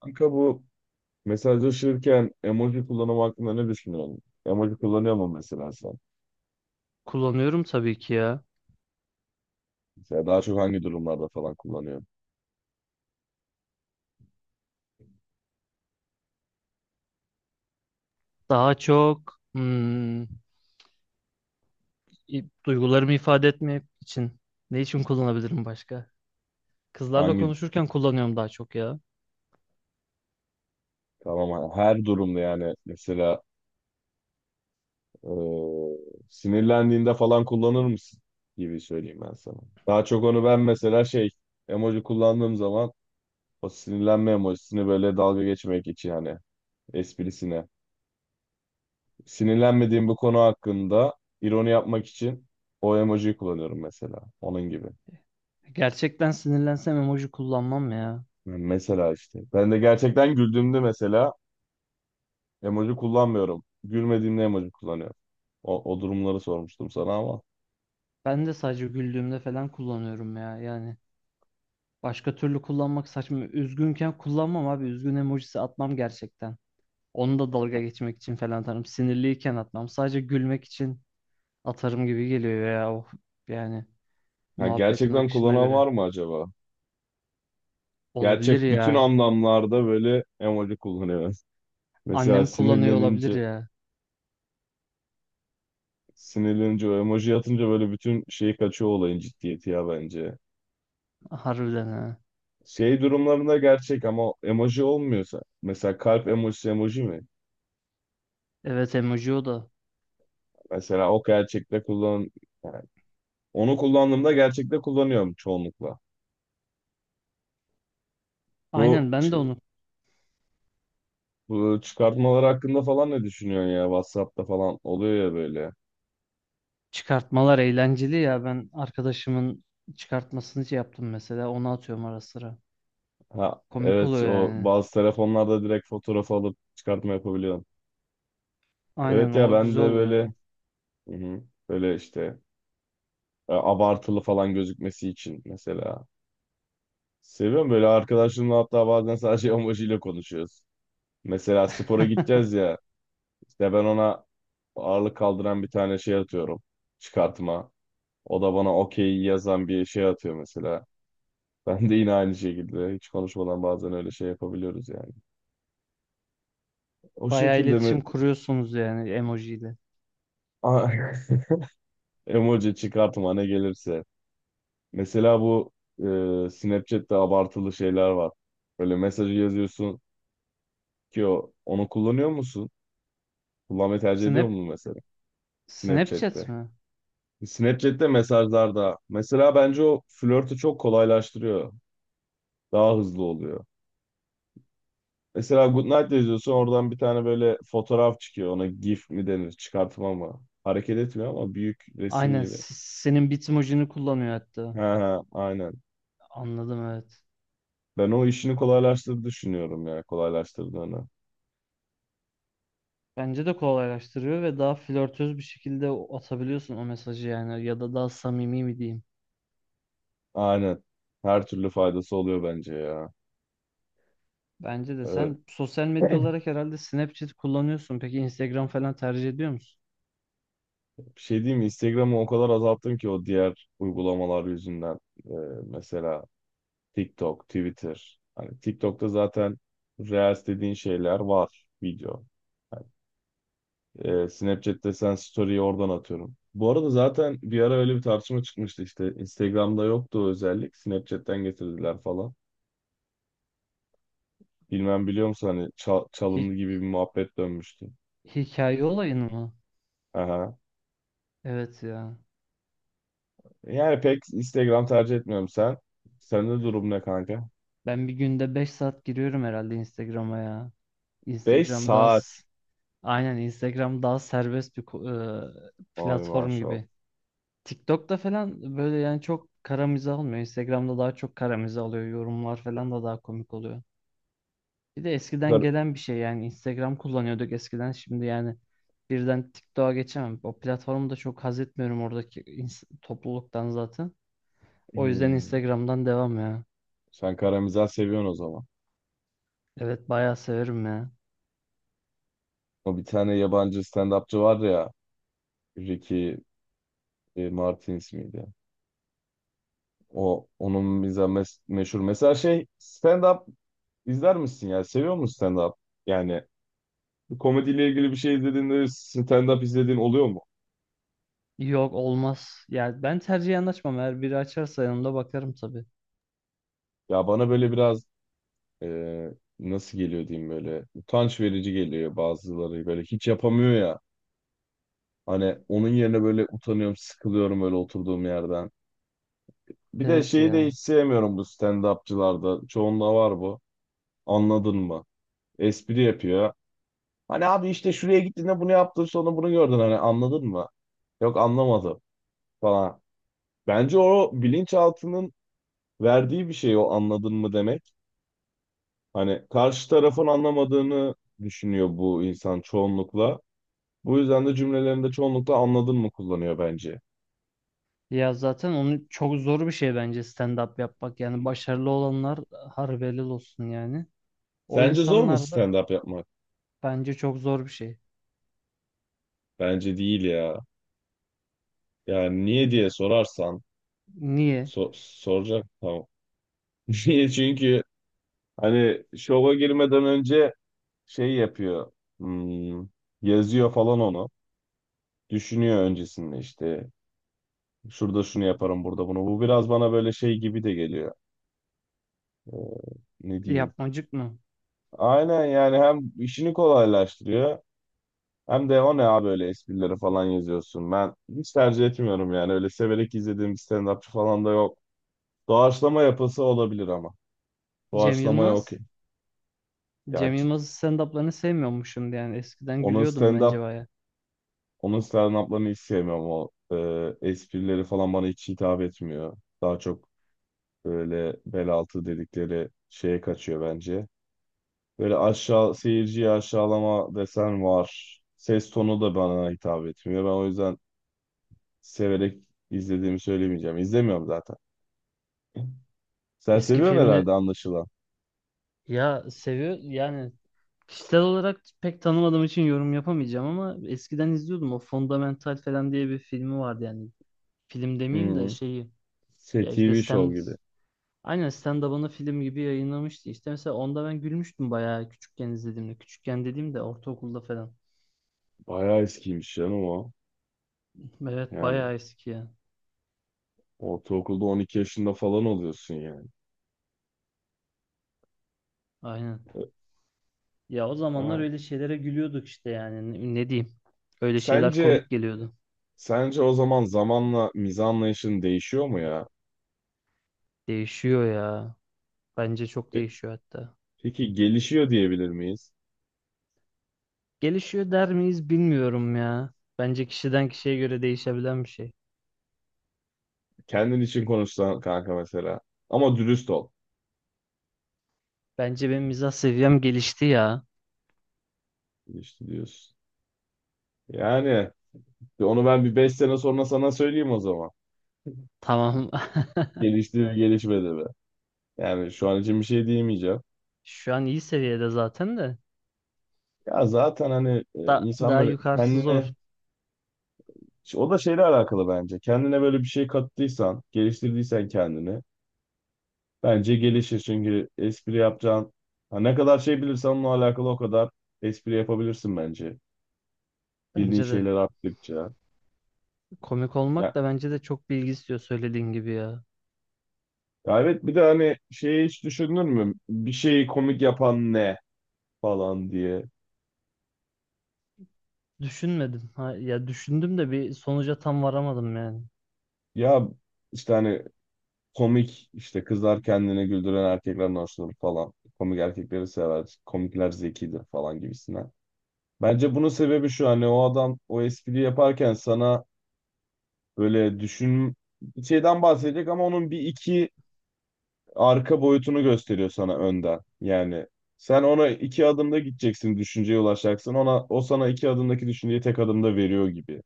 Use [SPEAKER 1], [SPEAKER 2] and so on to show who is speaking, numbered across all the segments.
[SPEAKER 1] Kanka bu mesajlaşırken emoji kullanımı hakkında ne düşünüyorsun? Emoji kullanıyor mu mesela sen?
[SPEAKER 2] Kullanıyorum tabii ki ya.
[SPEAKER 1] Mesela daha çok hangi durumlarda falan kullanıyorsun?
[SPEAKER 2] Daha çok duygularımı ifade etmek için. Ne için kullanabilirim başka? Kızlarla
[SPEAKER 1] Hangi
[SPEAKER 2] konuşurken kullanıyorum daha çok ya.
[SPEAKER 1] tamam her durumda yani mesela eee, sinirlendiğinde falan kullanır mısın gibi söyleyeyim ben sana. Daha çok onu ben mesela şey emoji kullandığım zaman o sinirlenme emojisini böyle dalga geçmek için hani esprisine. Sinirlenmediğim bu konu hakkında ironi yapmak için o emojiyi kullanıyorum mesela. Onun gibi.
[SPEAKER 2] Gerçekten sinirlensem emoji kullanmam ya.
[SPEAKER 1] Mesela işte. Ben de gerçekten güldüğümde mesela emoji kullanmıyorum. Gülmediğimde emoji kullanıyorum. O durumları sormuştum sana ama.
[SPEAKER 2] Ben de sadece güldüğümde falan kullanıyorum ya. Yani başka türlü kullanmak saçma. Üzgünken kullanmam abi. Üzgün emojisi atmam gerçekten. Onu da dalga geçmek için falan atarım. Sinirliyken atmam. Sadece gülmek için atarım gibi geliyor ya. Of, yani
[SPEAKER 1] Ha,
[SPEAKER 2] muhabbetin
[SPEAKER 1] gerçekten
[SPEAKER 2] akışına
[SPEAKER 1] kullanan
[SPEAKER 2] göre.
[SPEAKER 1] var mı acaba?
[SPEAKER 2] Olabilir
[SPEAKER 1] Gerçek bütün
[SPEAKER 2] ya.
[SPEAKER 1] anlamlarda böyle emoji kullanıyor. Mesela
[SPEAKER 2] Annem kullanıyor olabilir
[SPEAKER 1] sinirlenince,
[SPEAKER 2] ya.
[SPEAKER 1] o emoji atınca böyle bütün şeyi kaçıyor olayın ciddiyeti ya bence.
[SPEAKER 2] Harbiden ha.
[SPEAKER 1] Şey durumlarında gerçek ama emoji olmuyorsa. Mesela kalp emojisi emoji mi?
[SPEAKER 2] Evet emoji o da.
[SPEAKER 1] Mesela o gerçekte kullan, yani onu kullandığımda gerçekte kullanıyorum çoğunlukla. Bu,
[SPEAKER 2] Aynen ben
[SPEAKER 1] ç-
[SPEAKER 2] de onu.
[SPEAKER 1] bu çıkartmalar hakkında falan ne düşünüyorsun ya? WhatsApp'ta falan oluyor ya böyle.
[SPEAKER 2] Çıkartmalar eğlenceli ya. Ben arkadaşımın çıkartmasını şey yaptım mesela. Onu atıyorum ara sıra.
[SPEAKER 1] Ha,
[SPEAKER 2] Komik
[SPEAKER 1] evet,
[SPEAKER 2] oluyor
[SPEAKER 1] o
[SPEAKER 2] yani.
[SPEAKER 1] bazı telefonlarda direkt fotoğraf alıp çıkartma yapabiliyorsun.
[SPEAKER 2] Aynen
[SPEAKER 1] Evet ya,
[SPEAKER 2] o
[SPEAKER 1] ben de
[SPEAKER 2] güzel oluyor ya.
[SPEAKER 1] böyle, hı hı, böyle işte abartılı falan gözükmesi için mesela. Seviyorum böyle arkadaşımla, hatta bazen sadece emojiyle konuşuyoruz. Mesela spora gideceğiz ya, işte ben ona ağırlık kaldıran bir tane şey atıyorum, çıkartma. O da bana okey yazan bir şey atıyor mesela. Ben de yine aynı şekilde hiç konuşmadan bazen öyle şey yapabiliyoruz yani. O
[SPEAKER 2] Bayağı
[SPEAKER 1] şekilde mi?
[SPEAKER 2] iletişim kuruyorsunuz yani emojiyle.
[SPEAKER 1] Emoji, çıkartma, ne gelirse. Mesela bu Snapchat'te abartılı şeyler var. Böyle mesajı yazıyorsun ki o, onu kullanıyor musun? Kullanmayı tercih ediyor
[SPEAKER 2] Snap,
[SPEAKER 1] musun mesela
[SPEAKER 2] Snapchat
[SPEAKER 1] Snapchat'te?
[SPEAKER 2] mi?
[SPEAKER 1] Snapchat'te mesajlarda mesela bence o flörtü çok kolaylaştırıyor. Daha hızlı oluyor. Mesela Goodnight yazıyorsun, oradan bir tane böyle fotoğraf çıkıyor. Ona GIF mi denir? Çıkartma mı? Hareket etmiyor ama büyük resim
[SPEAKER 2] Aynen
[SPEAKER 1] gibi.
[SPEAKER 2] senin bitmojini kullanıyor hatta.
[SPEAKER 1] Ha ha, aynen.
[SPEAKER 2] Anladım evet.
[SPEAKER 1] Ben o işini kolaylaştırdı düşünüyorum ya. Kolaylaştırdığını.
[SPEAKER 2] Bence de kolaylaştırıyor ve daha flörtöz bir şekilde atabiliyorsun o mesajı, yani ya da daha samimi mi diyeyim.
[SPEAKER 1] Aynen. Her türlü faydası oluyor bence ya.
[SPEAKER 2] Bence de
[SPEAKER 1] Ee,
[SPEAKER 2] sen sosyal medya olarak herhalde Snapchat kullanıyorsun. Peki Instagram falan tercih ediyor musun?
[SPEAKER 1] bir şey diyeyim mi? Instagram'ı o kadar azalttım ki, o diğer uygulamalar yüzünden. Ee, mesela TikTok, Twitter. Hani TikTok'ta zaten Reels dediğin şeyler var. Video. Snapchat'te sen story'yi oradan atıyorum. Bu arada zaten bir ara öyle bir tartışma çıkmıştı işte. Instagram'da yoktu o özellik. Snapchat'ten getirdiler falan. Bilmem biliyor musun hani
[SPEAKER 2] Hi-
[SPEAKER 1] çalındı gibi bir muhabbet dönmüştü.
[SPEAKER 2] hikaye olayını mı?
[SPEAKER 1] Aha.
[SPEAKER 2] Evet ya.
[SPEAKER 1] Yani pek Instagram tercih etmiyorum sen. Sende durum ne kanka?
[SPEAKER 2] Ben bir günde 5 saat giriyorum herhalde Instagram'a ya.
[SPEAKER 1] 5
[SPEAKER 2] Instagram daha s-
[SPEAKER 1] saat.
[SPEAKER 2] aynen Instagram daha serbest bir
[SPEAKER 1] Ay,
[SPEAKER 2] platform
[SPEAKER 1] maşallah.
[SPEAKER 2] gibi. TikTok'ta falan böyle yani çok kara mizah olmuyor. Instagram'da daha çok kara mizah oluyor. Yorumlar falan da daha komik oluyor. Bir de eskiden
[SPEAKER 1] Kar-
[SPEAKER 2] gelen bir şey, yani Instagram kullanıyorduk eskiden, şimdi yani birden TikTok'a geçemem. O platformu da çok haz etmiyorum oradaki topluluktan zaten. O yüzden
[SPEAKER 1] Hmm.
[SPEAKER 2] Instagram'dan devam ya.
[SPEAKER 1] Sen karamizah seviyorsun o zaman.
[SPEAKER 2] Evet bayağı severim ya.
[SPEAKER 1] O bir tane yabancı stand-upçı var ya. Ricky Martins miydi? O onun bize meşhur. Mesela şey, stand-up izler misin ya? Seviyor musun stand-up? Yani bir komediyle ilgili bir şey izlediğinde stand-up izlediğin oluyor mu?
[SPEAKER 2] Yok olmaz. Yani ben tercihen açmam. Eğer biri açarsa yanımda bakarım tabii.
[SPEAKER 1] Ya bana böyle biraz e, nasıl geliyor diyeyim, böyle utanç verici geliyor, bazıları böyle hiç yapamıyor ya. Hani onun yerine böyle utanıyorum, sıkılıyorum böyle oturduğum yerden. Bir de
[SPEAKER 2] Evet
[SPEAKER 1] şeyi de
[SPEAKER 2] ya.
[SPEAKER 1] hiç sevmiyorum bu stand-upçılarda. Çoğunda var bu. Anladın mı? Espri yapıyor. Hani abi işte şuraya gittiğinde bunu yaptın, sonra bunu gördün, hani anladın mı? Yok, anlamadım falan. Bence o bilinçaltının verdiği bir şey o anladın mı demek. Hani karşı tarafın anlamadığını düşünüyor bu insan çoğunlukla. Bu yüzden de cümlelerinde çoğunlukla anladın mı kullanıyor bence.
[SPEAKER 2] Ya zaten onun çok zor bir şey bence stand-up yapmak. Yani başarılı olanlar harbi helal olsun yani. O
[SPEAKER 1] Sence zor mu
[SPEAKER 2] insanlar da
[SPEAKER 1] stand-up yapmak?
[SPEAKER 2] bence çok zor bir şey.
[SPEAKER 1] Bence değil ya. Yani niye diye sorarsan
[SPEAKER 2] Niye?
[SPEAKER 1] so- soracak, tamam. Niye? Çünkü hani şova girmeden önce şey yapıyor, hmm, yazıyor falan onu. Düşünüyor öncesinde işte. Şurada şunu yaparım, burada bunu. Bu biraz bana böyle şey gibi de geliyor. Ee, ne diyeyim?
[SPEAKER 2] Yapmacık mı?
[SPEAKER 1] Aynen yani hem işini kolaylaştırıyor hem de o ne abi öyle esprileri falan yazıyorsun. Ben hiç tercih etmiyorum yani. Öyle severek izlediğim bir stand-upçı falan da yok. Doğaçlama yapısı olabilir ama.
[SPEAKER 2] Cem
[SPEAKER 1] Doğaçlamaya
[SPEAKER 2] Yılmaz.
[SPEAKER 1] okey.
[SPEAKER 2] Cem
[SPEAKER 1] Yani
[SPEAKER 2] Yılmaz'ın stand-up'larını sevmiyormuşum yani. Eskiden
[SPEAKER 1] onun
[SPEAKER 2] gülüyordum bence
[SPEAKER 1] stand-up
[SPEAKER 2] baya.
[SPEAKER 1] onun stand-up'larını hiç sevmiyorum. O esprileri falan bana hiç hitap etmiyor. Daha çok böyle bel altı dedikleri şeye kaçıyor bence. Böyle aşağı, seyirciyi aşağılama desen var. Ses tonu da bana hitap etmiyor. Ben o yüzden severek izlediğimi söylemeyeceğim. İzlemiyorum zaten. Sen
[SPEAKER 2] Eski
[SPEAKER 1] seviyorsun
[SPEAKER 2] filmle
[SPEAKER 1] herhalde anlaşılan.
[SPEAKER 2] ya seviyor yani, kişisel olarak pek tanımadığım için yorum yapamayacağım ama eskiden izliyordum. O Fundamental falan diye bir filmi vardı yani. Film
[SPEAKER 1] Hı
[SPEAKER 2] demeyeyim de
[SPEAKER 1] hı.
[SPEAKER 2] şeyi,
[SPEAKER 1] Şey,
[SPEAKER 2] ya işte
[SPEAKER 1] TV show
[SPEAKER 2] stand
[SPEAKER 1] gibi.
[SPEAKER 2] aynen stand-up'ını film gibi yayınlamıştı. İşte mesela onda ben gülmüştüm bayağı küçükken izlediğimde. Küçükken dediğimde ortaokulda falan.
[SPEAKER 1] Bayağı eskiymiş canım o.
[SPEAKER 2] Evet
[SPEAKER 1] Yani
[SPEAKER 2] bayağı eski ya.
[SPEAKER 1] ortaokulda 12 yaşında falan oluyorsun yani.
[SPEAKER 2] Aynen. Ya o zamanlar
[SPEAKER 1] Ha.
[SPEAKER 2] öyle şeylere gülüyorduk işte yani ne diyeyim. Öyle şeyler komik
[SPEAKER 1] Sence
[SPEAKER 2] geliyordu.
[SPEAKER 1] Sence o zaman zamanla mizah anlayışın değişiyor mu ya?
[SPEAKER 2] Değişiyor ya. Bence çok
[SPEAKER 1] Pe-
[SPEAKER 2] değişiyor hatta.
[SPEAKER 1] Peki gelişiyor diyebilir miyiz?
[SPEAKER 2] Gelişiyor der miyiz bilmiyorum ya. Bence kişiden kişiye göre değişebilen bir şey.
[SPEAKER 1] Kendin için konuşsan kanka mesela. Ama dürüst ol.
[SPEAKER 2] Bence benim mizah seviyem gelişti ya.
[SPEAKER 1] Gelişti diyorsun. Yani onu ben bir 5 sene sonra sana söyleyeyim o zaman.
[SPEAKER 2] Tamam.
[SPEAKER 1] Gelişti mi gelişmedi mi? Yani şu an için bir şey diyemeyeceğim.
[SPEAKER 2] Şu an iyi seviyede zaten de.
[SPEAKER 1] Ya zaten hani insan
[SPEAKER 2] Daha
[SPEAKER 1] böyle
[SPEAKER 2] yukarısı zor.
[SPEAKER 1] kendine, o da şeyle alakalı bence. Kendine böyle bir şey kattıysan, geliştirdiysen kendini. Bence gelişir, çünkü espri yapacağın, ha, ne kadar şey bilirsen onunla alakalı, o kadar espri yapabilirsin bence. Bildiğin
[SPEAKER 2] Bence de.
[SPEAKER 1] şeyler arttıkça.
[SPEAKER 2] Komik olmak
[SPEAKER 1] Ya,
[SPEAKER 2] da bence de çok bilgi istiyor söylediğin gibi ya.
[SPEAKER 1] ya evet, bir de hani şeyi hiç düşünür mü? Bir şeyi komik yapan ne falan diye.
[SPEAKER 2] Düşünmedim. Ha, ya düşündüm de bir sonuca tam varamadım yani.
[SPEAKER 1] Ya işte hani komik, işte kızlar kendini güldüren erkeklerden hoşlanır falan. Komik erkekleri sever. Komikler zekidir falan gibisine. Bence bunun sebebi şu, hani o adam o espriyi yaparken sana böyle düşün, bir şeyden bahsedecek ama onun bir iki arka boyutunu gösteriyor sana önden. Yani sen ona iki adımda gideceksin, düşünceye ulaşacaksın. Ona, o sana iki adımdaki düşünceyi tek adımda veriyor gibi.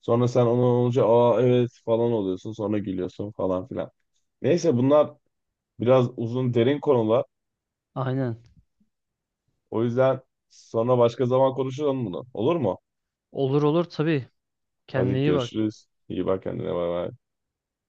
[SPEAKER 1] Sonra sen ona olunca, aa evet falan oluyorsun. Sonra gülüyorsun falan filan. Neyse, bunlar biraz uzun derin konular.
[SPEAKER 2] Aynen.
[SPEAKER 1] O yüzden sonra başka zaman konuşalım bunu. Olur mu?
[SPEAKER 2] Olur olur tabii. Kendine
[SPEAKER 1] Hadi
[SPEAKER 2] iyi bak.
[SPEAKER 1] görüşürüz. İyi bak kendine. Bay bay.